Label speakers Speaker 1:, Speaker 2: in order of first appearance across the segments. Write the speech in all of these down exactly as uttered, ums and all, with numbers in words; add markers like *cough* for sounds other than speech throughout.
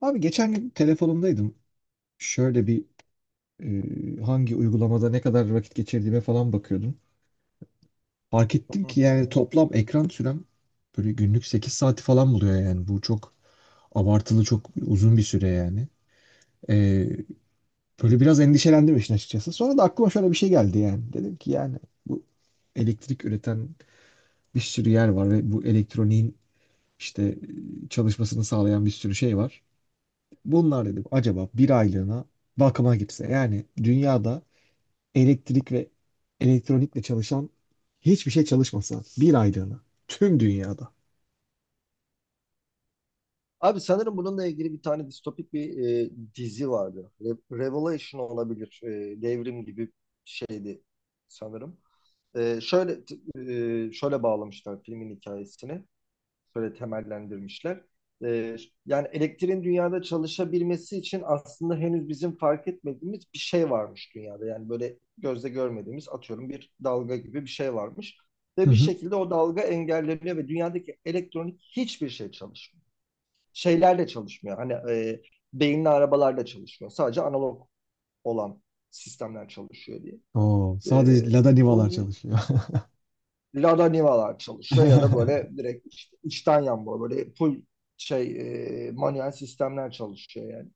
Speaker 1: Abi geçen gün telefonumdaydım. Şöyle bir e, hangi uygulamada ne kadar vakit geçirdiğime falan bakıyordum. Fark ettim
Speaker 2: Hı
Speaker 1: ki
Speaker 2: hı.
Speaker 1: yani toplam ekran sürem böyle günlük sekiz saati falan buluyor yani. Bu çok abartılı, çok uzun bir süre yani. E, Böyle biraz endişelendim işin açıkçası. Sonra da aklıma şöyle bir şey geldi yani. Dedim ki yani bu elektrik üreten bir sürü yer var ve bu elektroniğin işte e, çalışmasını sağlayan bir sürü şey var. Bunlar dedim acaba bir aylığına bakıma gitse. Yani dünyada elektrik ve elektronikle çalışan hiçbir şey çalışmasa bir aylığına tüm dünyada.
Speaker 2: Abi sanırım bununla ilgili bir tane distopik bir e, dizi vardı. Re- Revelation olabilir. E, devrim gibi şeydi sanırım. E, şöyle t- e, Şöyle bağlamışlar filmin hikayesini. Şöyle temellendirmişler. E, Yani elektriğin dünyada çalışabilmesi için aslında henüz bizim fark etmediğimiz bir şey varmış dünyada. Yani böyle gözle görmediğimiz atıyorum bir dalga gibi bir şey varmış. Ve
Speaker 1: Hı
Speaker 2: bir
Speaker 1: hı.
Speaker 2: şekilde o dalga engelleniyor ve dünyadaki elektronik hiçbir şey çalışmıyor. Şeylerle çalışmıyor. Hani e, beyinli arabalarla çalışmıyor. Sadece analog olan sistemler çalışıyor diye.
Speaker 1: Oo,
Speaker 2: E,
Speaker 1: sadece Lada
Speaker 2: o
Speaker 1: Niva'lar
Speaker 2: di-
Speaker 1: çalışıyor.
Speaker 2: Lada Niva'lar çalışıyor ya da böyle
Speaker 1: *laughs*
Speaker 2: direkt işte içten yanmalı böyle full şey e, manuel sistemler çalışıyor yani.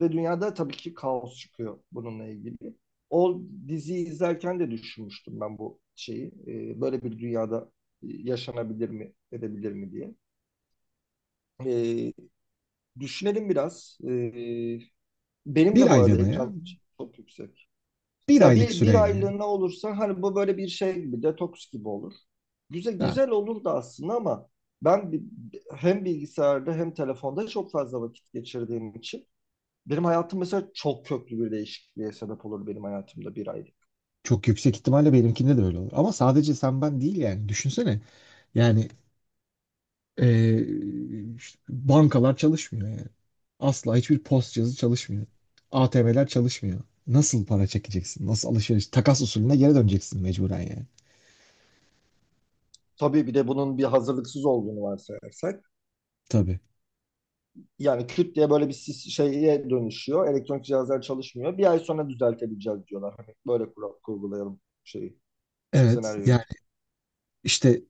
Speaker 2: Ve dünyada tabii ki kaos çıkıyor bununla ilgili. O diziyi izlerken de düşünmüştüm ben bu şeyi. E, böyle bir dünyada e, yaşanabilir mi, edebilir mi diye. E, Düşünelim biraz. E, Benim
Speaker 1: Bir
Speaker 2: de bu arada
Speaker 1: aylığına ya.
Speaker 2: ekran çok yüksek.
Speaker 1: Bir
Speaker 2: Ya
Speaker 1: aylık
Speaker 2: bir, bir
Speaker 1: süreyle
Speaker 2: aylığına olursa hani bu böyle bir şey gibi detoks gibi olur. Güzel
Speaker 1: ya.
Speaker 2: güzel olur da aslında ama ben bi- hem bilgisayarda hem telefonda çok fazla vakit geçirdiğim için benim hayatım mesela çok köklü bir değişikliğe sebep olur benim hayatımda bir aylık.
Speaker 1: Çok yüksek ihtimalle benimkinde de öyle olur. Ama sadece sen ben değil yani. Düşünsene. Yani eee, işte bankalar çalışmıyor yani. Asla hiçbir post cihazı çalışmıyor. A T M'ler çalışmıyor. Nasıl para çekeceksin? Nasıl alışveriş? Takas usulüne geri döneceksin mecburen yani.
Speaker 2: Tabii bir de bunun bir hazırlıksız olduğunu varsayarsak.
Speaker 1: Tabii.
Speaker 2: Yani küt diye böyle bir sis- şeye dönüşüyor. Elektronik cihazlar çalışmıyor. Bir ay sonra düzeltebileceğiz diyorlar. Hani böyle kural kurgulayalım şeyi,
Speaker 1: Evet.
Speaker 2: senaryoyu.
Speaker 1: Yani işte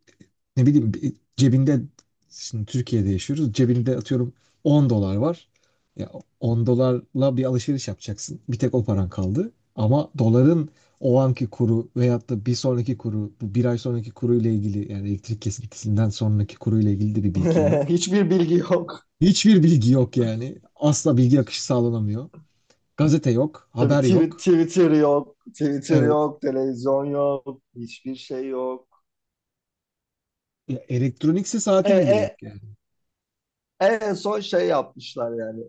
Speaker 1: ne bileyim bir- cebinde, şimdi Türkiye'de yaşıyoruz, cebinde atıyorum 10 dolar var. Ya on dolarla bir alışveriş yapacaksın. Bir tek o paran kaldı. Ama doların o anki kuru veyahut da bir sonraki kuru, bu bir ay sonraki kuru ile ilgili, yani elektrik kesintisinden sonraki kuru ile ilgili de bir bilgin
Speaker 2: *laughs*
Speaker 1: yok.
Speaker 2: Hiçbir bilgi yok.
Speaker 1: Hiçbir bilgi yok yani. Asla bilgi akışı sağlanamıyor. Gazete yok,
Speaker 2: Tabii
Speaker 1: haber
Speaker 2: Twi-
Speaker 1: yok.
Speaker 2: Twitter yok, Twitter
Speaker 1: Evet.
Speaker 2: yok, televizyon yok, hiçbir şey yok.
Speaker 1: Ya elektronikse
Speaker 2: E,
Speaker 1: saatim bile
Speaker 2: e,
Speaker 1: yok yani.
Speaker 2: En son şey yapmışlar yani.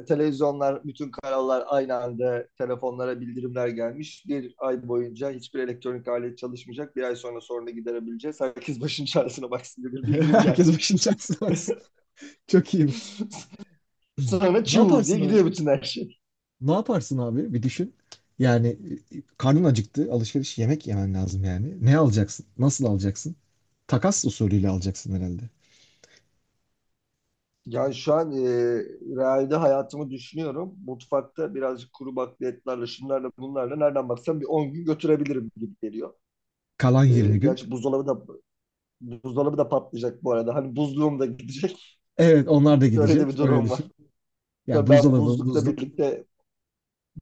Speaker 2: e, Televizyonlar, bütün kanallar aynı anda telefonlara bildirimler gelmiş. Bir ay boyunca hiçbir elektronik alet çalışmayacak. Bir ay sonra sorunu giderebileceğiz. Herkes başın çaresine baksın diye
Speaker 1: *laughs*
Speaker 2: bir bildirim
Speaker 1: Herkes başının
Speaker 2: gelmiş. *laughs*
Speaker 1: çaresine baksın. Çok iyiymiş.
Speaker 2: Sonra
Speaker 1: Ne
Speaker 2: çuv diye
Speaker 1: yaparsın abi?
Speaker 2: gidiyor bütün her şey.
Speaker 1: Ne yaparsın abi? Bir düşün. Yani e, karnın acıktı, alışveriş yemek yemen lazım yani. Ne alacaksın? Nasıl alacaksın? Takas usulüyle alacaksın herhalde.
Speaker 2: Yani şu an e, realde hayatımı düşünüyorum. Mutfakta birazcık kuru bakliyatlarla, şunlarla, bunlarla nereden baksam bir on gün götürebilirim gibi geliyor.
Speaker 1: Kalan
Speaker 2: E,
Speaker 1: yirmi gün.
Speaker 2: gerçi buzdolabı da buzdolabı da patlayacak bu arada. Hani buzluğum da gidecek.
Speaker 1: Evet, onlar da
Speaker 2: *laughs* Öyle de
Speaker 1: gidecek.
Speaker 2: bir
Speaker 1: Öyle
Speaker 2: durum var.
Speaker 1: düşün. Yani
Speaker 2: Tabii ben
Speaker 1: buzdolabı,
Speaker 2: buzlukla
Speaker 1: buzluk.
Speaker 2: birlikte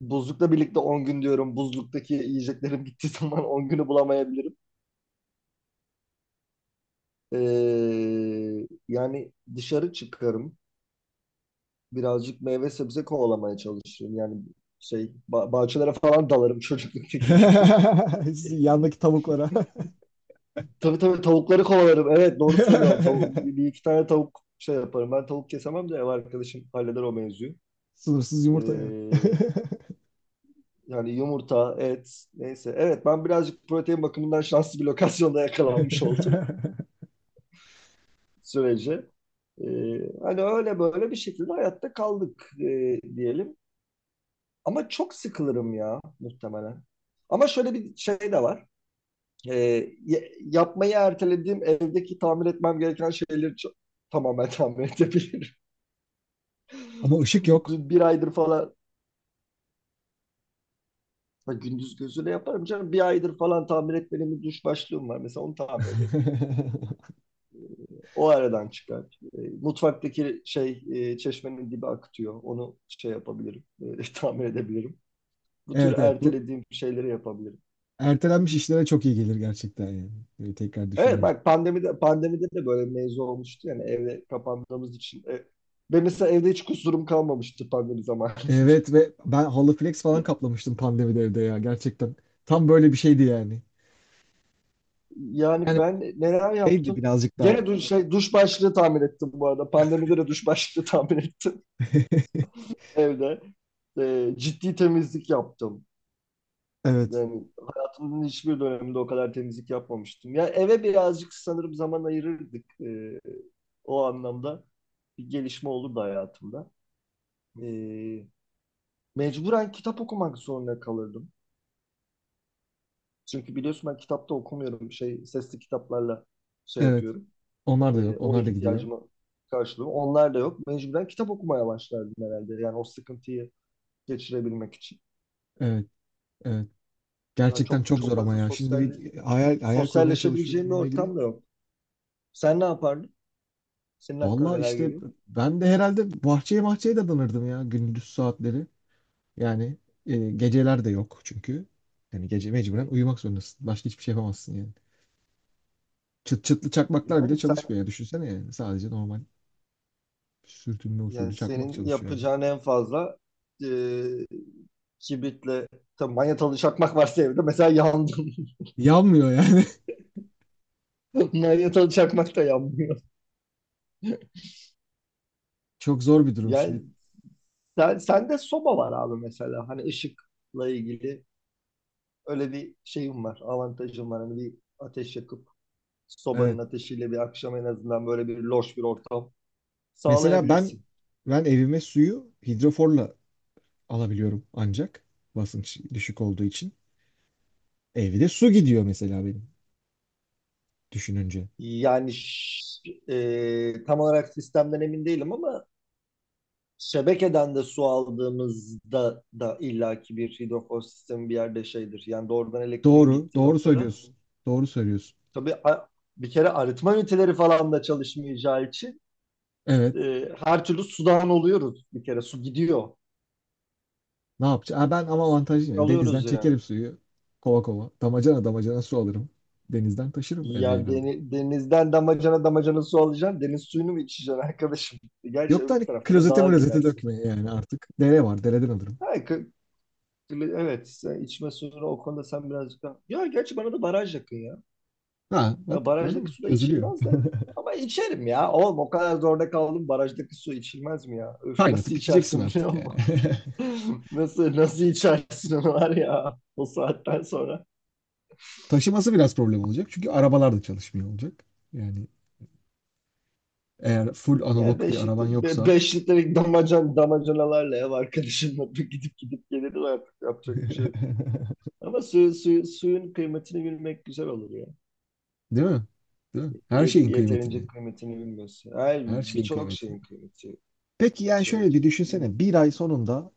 Speaker 2: buzlukla birlikte on gün diyorum. Buzluktaki yiyeceklerim gittiği *laughs* zaman on günü bulamayabilirim. E, Yani dışarı çıkarım. Birazcık meyve sebze kovalamaya çalışırım. Yani şey ba- bahçelere falan dalarım çocukluktaki gibi.
Speaker 1: *laughs* Sizin
Speaker 2: *laughs*
Speaker 1: yandaki tavuklara.
Speaker 2: Tabii tabii tavukları kovalarım. Evet doğru söylüyorum. Tavu- bir
Speaker 1: *laughs*
Speaker 2: bir iki tane tavuk şey yaparım. Ben tavuk kesemem de ev arkadaşım halleder o mevzuyu.
Speaker 1: Sınırsız yumurta yani.
Speaker 2: Ee, Yani yumurta, et neyse. Evet ben birazcık protein bakımından şanslı bir lokasyonda yakalanmış oldum
Speaker 1: *laughs*
Speaker 2: *laughs* sürece. Ee, Hani öyle böyle bir şekilde hayatta kaldık e, diyelim. Ama çok sıkılırım ya muhtemelen. Ama şöyle bir şey de var. E, Yapmayı ertelediğim evdeki tamir etmem gereken şeyleri ço- tamamen tamir edebilirim. *laughs*
Speaker 1: Ama ışık yok.
Speaker 2: Bir, aydır falan gündüz gözüyle yaparım canım. Bir aydır falan tamir etmediğim bir duş başlığım var. Mesela onu tamir ederim.
Speaker 1: *laughs*
Speaker 2: O aradan çıkar. E, mutfaktaki şey e, çeşmenin dibi akıtıyor. Onu şey yapabilirim. E, *laughs* tamir edebilirim. Bu tür
Speaker 1: Evet, evet, bu
Speaker 2: ertelediğim şeyleri yapabilirim.
Speaker 1: ertelenmiş işlere çok iyi gelir gerçekten yani. Böyle tekrar
Speaker 2: Evet
Speaker 1: düşününce.
Speaker 2: bak pandemide pandemide de böyle mevzu olmuştu yani evde kapandığımız için. E, ben mesela evde hiç kusurum kalmamıştı pandemi zamanında.
Speaker 1: Evet, ve ben halı flex falan kaplamıştım pandemide evde ya, gerçekten. Tam böyle bir şeydi yani.
Speaker 2: Yani
Speaker 1: Yani
Speaker 2: ben neler
Speaker 1: neydi
Speaker 2: yaptım?
Speaker 1: birazcık daha.
Speaker 2: Gene duş, şey, duş başlığı tamir ettim bu arada. Pandemide de duş başlığı tamir ettim
Speaker 1: *laughs*
Speaker 2: *laughs* evde. Ee, ciddi temizlik yaptım.
Speaker 1: Evet.
Speaker 2: Yani hayatımın hiçbir döneminde o kadar temizlik yapmamıştım. Yani eve birazcık sanırım zaman ayırırdık. Ee, o anlamda bir gelişme olurdu hayatımda. Ee, Mecburen kitap okumak zorunda kalırdım. Çünkü biliyorsun ben kitapta okumuyorum. Şey, sesli kitaplarla şey
Speaker 1: Evet.
Speaker 2: yapıyorum.
Speaker 1: Onlar da
Speaker 2: E,
Speaker 1: yok.
Speaker 2: o
Speaker 1: Onlar da gidiyor.
Speaker 2: ihtiyacımı karşılıyor. Onlar da yok. Mecburen kitap okumaya başlardım herhalde. Yani o sıkıntıyı geçirebilmek için.
Speaker 1: Evet. Evet.
Speaker 2: Yani
Speaker 1: Gerçekten
Speaker 2: çok
Speaker 1: çok
Speaker 2: çok
Speaker 1: zor ama
Speaker 2: fazla
Speaker 1: ya. Şimdi
Speaker 2: sosyal
Speaker 1: bir hayal hayal kurmaya
Speaker 2: sosyalleşebileceğim
Speaker 1: çalışıyoruz
Speaker 2: bir
Speaker 1: bununla ilgili.
Speaker 2: ortam da yok. Sen ne yapardın? Senin aklına
Speaker 1: Vallahi
Speaker 2: neler
Speaker 1: işte
Speaker 2: geliyor?
Speaker 1: ben de herhalde bahçeye bahçeye dadanırdım ya gündüz saatleri. Yani e, geceler de yok çünkü. Yani gece mecburen uyumak zorundasın. Başka hiçbir şey yapamazsın yani. Çıt çıtlı çakmaklar bile
Speaker 2: Yani sen
Speaker 1: çalışmıyor ya. Düşünsene yani. Sadece normal. Sürtünme
Speaker 2: yani
Speaker 1: usulü çakmak
Speaker 2: senin
Speaker 1: çalışıyor yani.
Speaker 2: yapacağın en fazla e, kibritle tabii manyetalı çakmak varsa evde mesela yandım.
Speaker 1: Yanmıyor yani.
Speaker 2: *laughs* Manyetalı çakmak da yanmıyor.
Speaker 1: *laughs* Çok zor bir durum
Speaker 2: Yani
Speaker 1: şimdi.
Speaker 2: sen, sende soba var abi mesela. Hani ışıkla ilgili öyle bir şeyim var, avantajım var. Hani bir ateş yakıp sobanın
Speaker 1: Evet.
Speaker 2: ateşiyle bir akşam en azından böyle bir loş bir ortam
Speaker 1: Mesela ben
Speaker 2: sağlayabilirsin.
Speaker 1: ben evime suyu hidroforla alabiliyorum ancak, basınç düşük olduğu için. Evde su gidiyor mesela benim, düşününce.
Speaker 2: Yani ş- e, tam olarak sistemden emin değilim ama şebekeden de su aldığımızda da illaki bir hidrofor sistemi bir yerde şeydir. Yani doğrudan elektriğin
Speaker 1: Doğru,
Speaker 2: gittiği
Speaker 1: doğru
Speaker 2: noktada
Speaker 1: söylüyorsun. Doğru söylüyorsun.
Speaker 2: tabii a- bir kere arıtma üniteleri falan da çalışmayacağı için
Speaker 1: Evet.
Speaker 2: e, her türlü sudan oluyoruz bir kere. Su gidiyor.
Speaker 1: Ne yapacağım? Ha, ben ama
Speaker 2: Su
Speaker 1: avantajlıyım ya. Denizden
Speaker 2: kalıyoruz yani.
Speaker 1: çekerim suyu. Kova kova, damacana damacana su alırım. Denizden taşırım eve
Speaker 2: Ya
Speaker 1: herhalde.
Speaker 2: deni- denizden damacana damacana su alacaksın. Deniz suyunu mu içeceksin arkadaşım? *laughs* Gerçi
Speaker 1: Yok da
Speaker 2: öbür
Speaker 1: hani
Speaker 2: tarafta da
Speaker 1: klozete
Speaker 2: dağa
Speaker 1: mlozete
Speaker 2: gidersin.
Speaker 1: dökmeye yani artık. Dere var. Dereden alırım.
Speaker 2: Ha, kı- kılı- evet sen içme suyunu o konuda sen birazcık daha... Ya gerçi bana da baraj yakın ya.
Speaker 1: Ha
Speaker 2: Ya
Speaker 1: bak, gördün mü?
Speaker 2: barajdaki su da
Speaker 1: Çözülüyor.
Speaker 2: içilmez de. Ama içerim ya. Oğlum o kadar zorda kaldım. Barajdaki su içilmez mi ya? Öf nasıl
Speaker 1: Kaynatıp içeceksin
Speaker 2: içersin biliyor
Speaker 1: artık yani.
Speaker 2: musun?
Speaker 1: *laughs*
Speaker 2: *laughs* Nasıl nasıl içersin onu var ya o saatten sonra.
Speaker 1: Taşıması biraz problem olacak. Çünkü arabalar da çalışmıyor olacak. Yani eğer full
Speaker 2: Ya
Speaker 1: analog bir
Speaker 2: beşlik,
Speaker 1: araban
Speaker 2: be,
Speaker 1: yoksa.
Speaker 2: beş litrelik damacan, damacanalarla ev arkadaşımla *laughs* gidip gidip gelirim artık yapacak bir
Speaker 1: *laughs*
Speaker 2: şey yok. Ama su, su, suyun kıymetini bilmek güzel olur ya.
Speaker 1: Değil mi? Değil mi? Her
Speaker 2: Ye-
Speaker 1: şeyin kıymetini.
Speaker 2: yeterince kıymetini bilmiyorsun. Her
Speaker 1: Her şeyin
Speaker 2: birçok
Speaker 1: kıymetini.
Speaker 2: şeyin kıymeti
Speaker 1: Peki yani
Speaker 2: şey
Speaker 1: şöyle bir
Speaker 2: olacak. Bir,
Speaker 1: düşünsene. Bir ay sonunda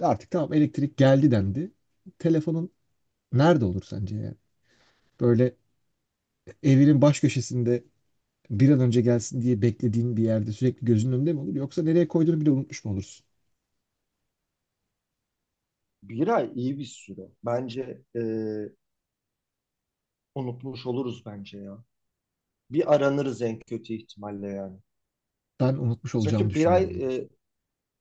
Speaker 1: artık tamam, elektrik geldi dendi. Telefonun nerede olur sence yani? Böyle evinin baş köşesinde, bir an önce gelsin diye beklediğin bir yerde, sürekli gözünün önünde mi olur? Yoksa nereye koyduğunu bile unutmuş mu olursun?
Speaker 2: bir ay iyi bir süre. Bence e, unutmuş oluruz bence ya. Bir aranırız en kötü ihtimalle yani.
Speaker 1: Ben unutmuş olacağımı
Speaker 2: Çünkü bir ay
Speaker 1: düşünüyorum. yani,
Speaker 2: e,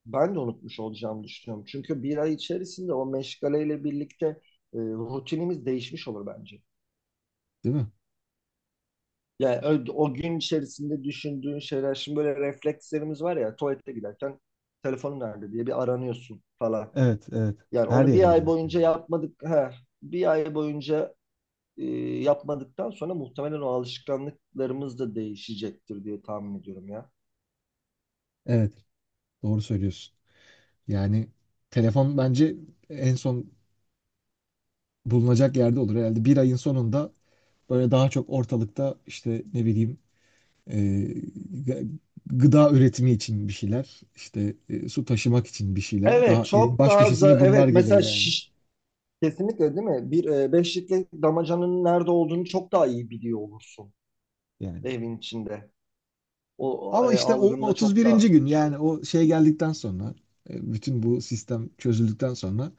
Speaker 2: ben de unutmuş olacağımı düşünüyorum. Çünkü bir ay içerisinde o meşgaleyle birlikte e, rutinimiz değişmiş olur bence.
Speaker 1: Değil mi?
Speaker 2: Yani ö- o gün içerisinde düşündüğün şeyler, şimdi böyle reflekslerimiz var ya, tuvalete giderken telefonun nerede diye bir aranıyorsun falan.
Speaker 1: Evet, evet.
Speaker 2: Yani
Speaker 1: Her
Speaker 2: onu
Speaker 1: yere
Speaker 2: bir ay
Speaker 1: giderek.
Speaker 2: boyunca yapmadık, he, bir ay boyunca e, yapmadıktan sonra muhtemelen o alışkanlıklarımız da değişecektir diye tahmin ediyorum ya.
Speaker 1: Evet, doğru söylüyorsun. Yani telefon bence en son bulunacak yerde olur. Herhalde bir ayın sonunda böyle daha çok ortalıkta işte ne bileyim e, gı- gıda üretimi için bir şeyler, işte e, su taşımak için bir şeyler.
Speaker 2: Evet,
Speaker 1: Daha evin
Speaker 2: çok
Speaker 1: baş
Speaker 2: daha za-
Speaker 1: köşesine bunlar
Speaker 2: evet
Speaker 1: gelir
Speaker 2: mesela
Speaker 1: yani.
Speaker 2: şiş, kesinlikle değil mi? Bir e, beşlikte damacanın nerede olduğunu çok daha iyi biliyor olursun
Speaker 1: Yani.
Speaker 2: evin içinde. O
Speaker 1: Ama
Speaker 2: e,
Speaker 1: işte o
Speaker 2: algında çok
Speaker 1: otuz birinci
Speaker 2: da
Speaker 1: gün,
Speaker 2: şey.
Speaker 1: yani o şey geldikten sonra, e, bütün bu sistem çözüldükten sonra,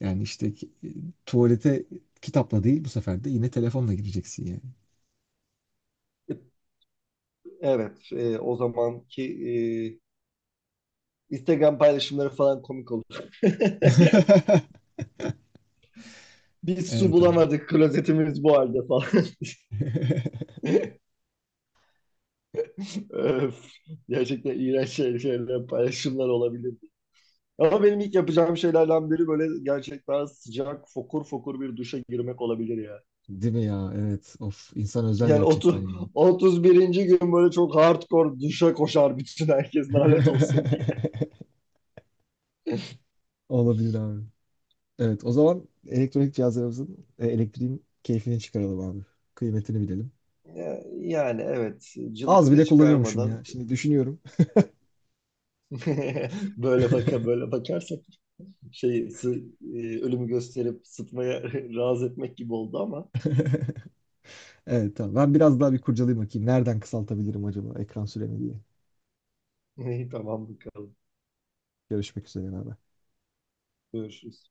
Speaker 1: yani işte ki- tuvalete kitapla değil, bu sefer de yine telefonla gireceksin yani.
Speaker 2: Evet, e, o zamanki e, Instagram paylaşımları falan komik olur.
Speaker 1: *laughs*
Speaker 2: *laughs* Biz su
Speaker 1: Evet abi.
Speaker 2: bulamadık, klozetimiz bu halde falan.
Speaker 1: *laughs*
Speaker 2: *laughs* Öf, gerçekten iğrenç şey- şeyler, paylaşımlar olabilir. Ama benim ilk yapacağım şeylerden biri böyle gerçekten sıcak, fokur fokur bir duşa girmek olabilir ya.
Speaker 1: Değil mi ya? Evet. Of, insan özler
Speaker 2: Yani
Speaker 1: gerçekten
Speaker 2: otu,
Speaker 1: yani.
Speaker 2: otuz birinci gün böyle çok hardcore duşa koşar bütün herkes lanet olsun diye.
Speaker 1: *laughs* Olabilir abi. Evet, o zaman elektronik cihazlarımızın, e, elektriğin keyfini çıkaralım abi. Kıymetini bilelim.
Speaker 2: Ya- Yani evet
Speaker 1: Az
Speaker 2: cılıkını
Speaker 1: bile kullanıyormuşum
Speaker 2: çıkarmadan
Speaker 1: ya. Şimdi düşünüyorum. *laughs*
Speaker 2: *laughs* böyle baka böyle bakarsak şey sı- e, ölümü gösterip sıtmaya *laughs* razı etmek gibi oldu ama
Speaker 1: Evet tamam. Ben biraz daha bir kurcalayayım bakayım. Nereden kısaltabilirim acaba ekran süremi diye.
Speaker 2: *laughs* tamam bakalım
Speaker 1: Görüşmek üzere. abi.
Speaker 2: görüşürüz.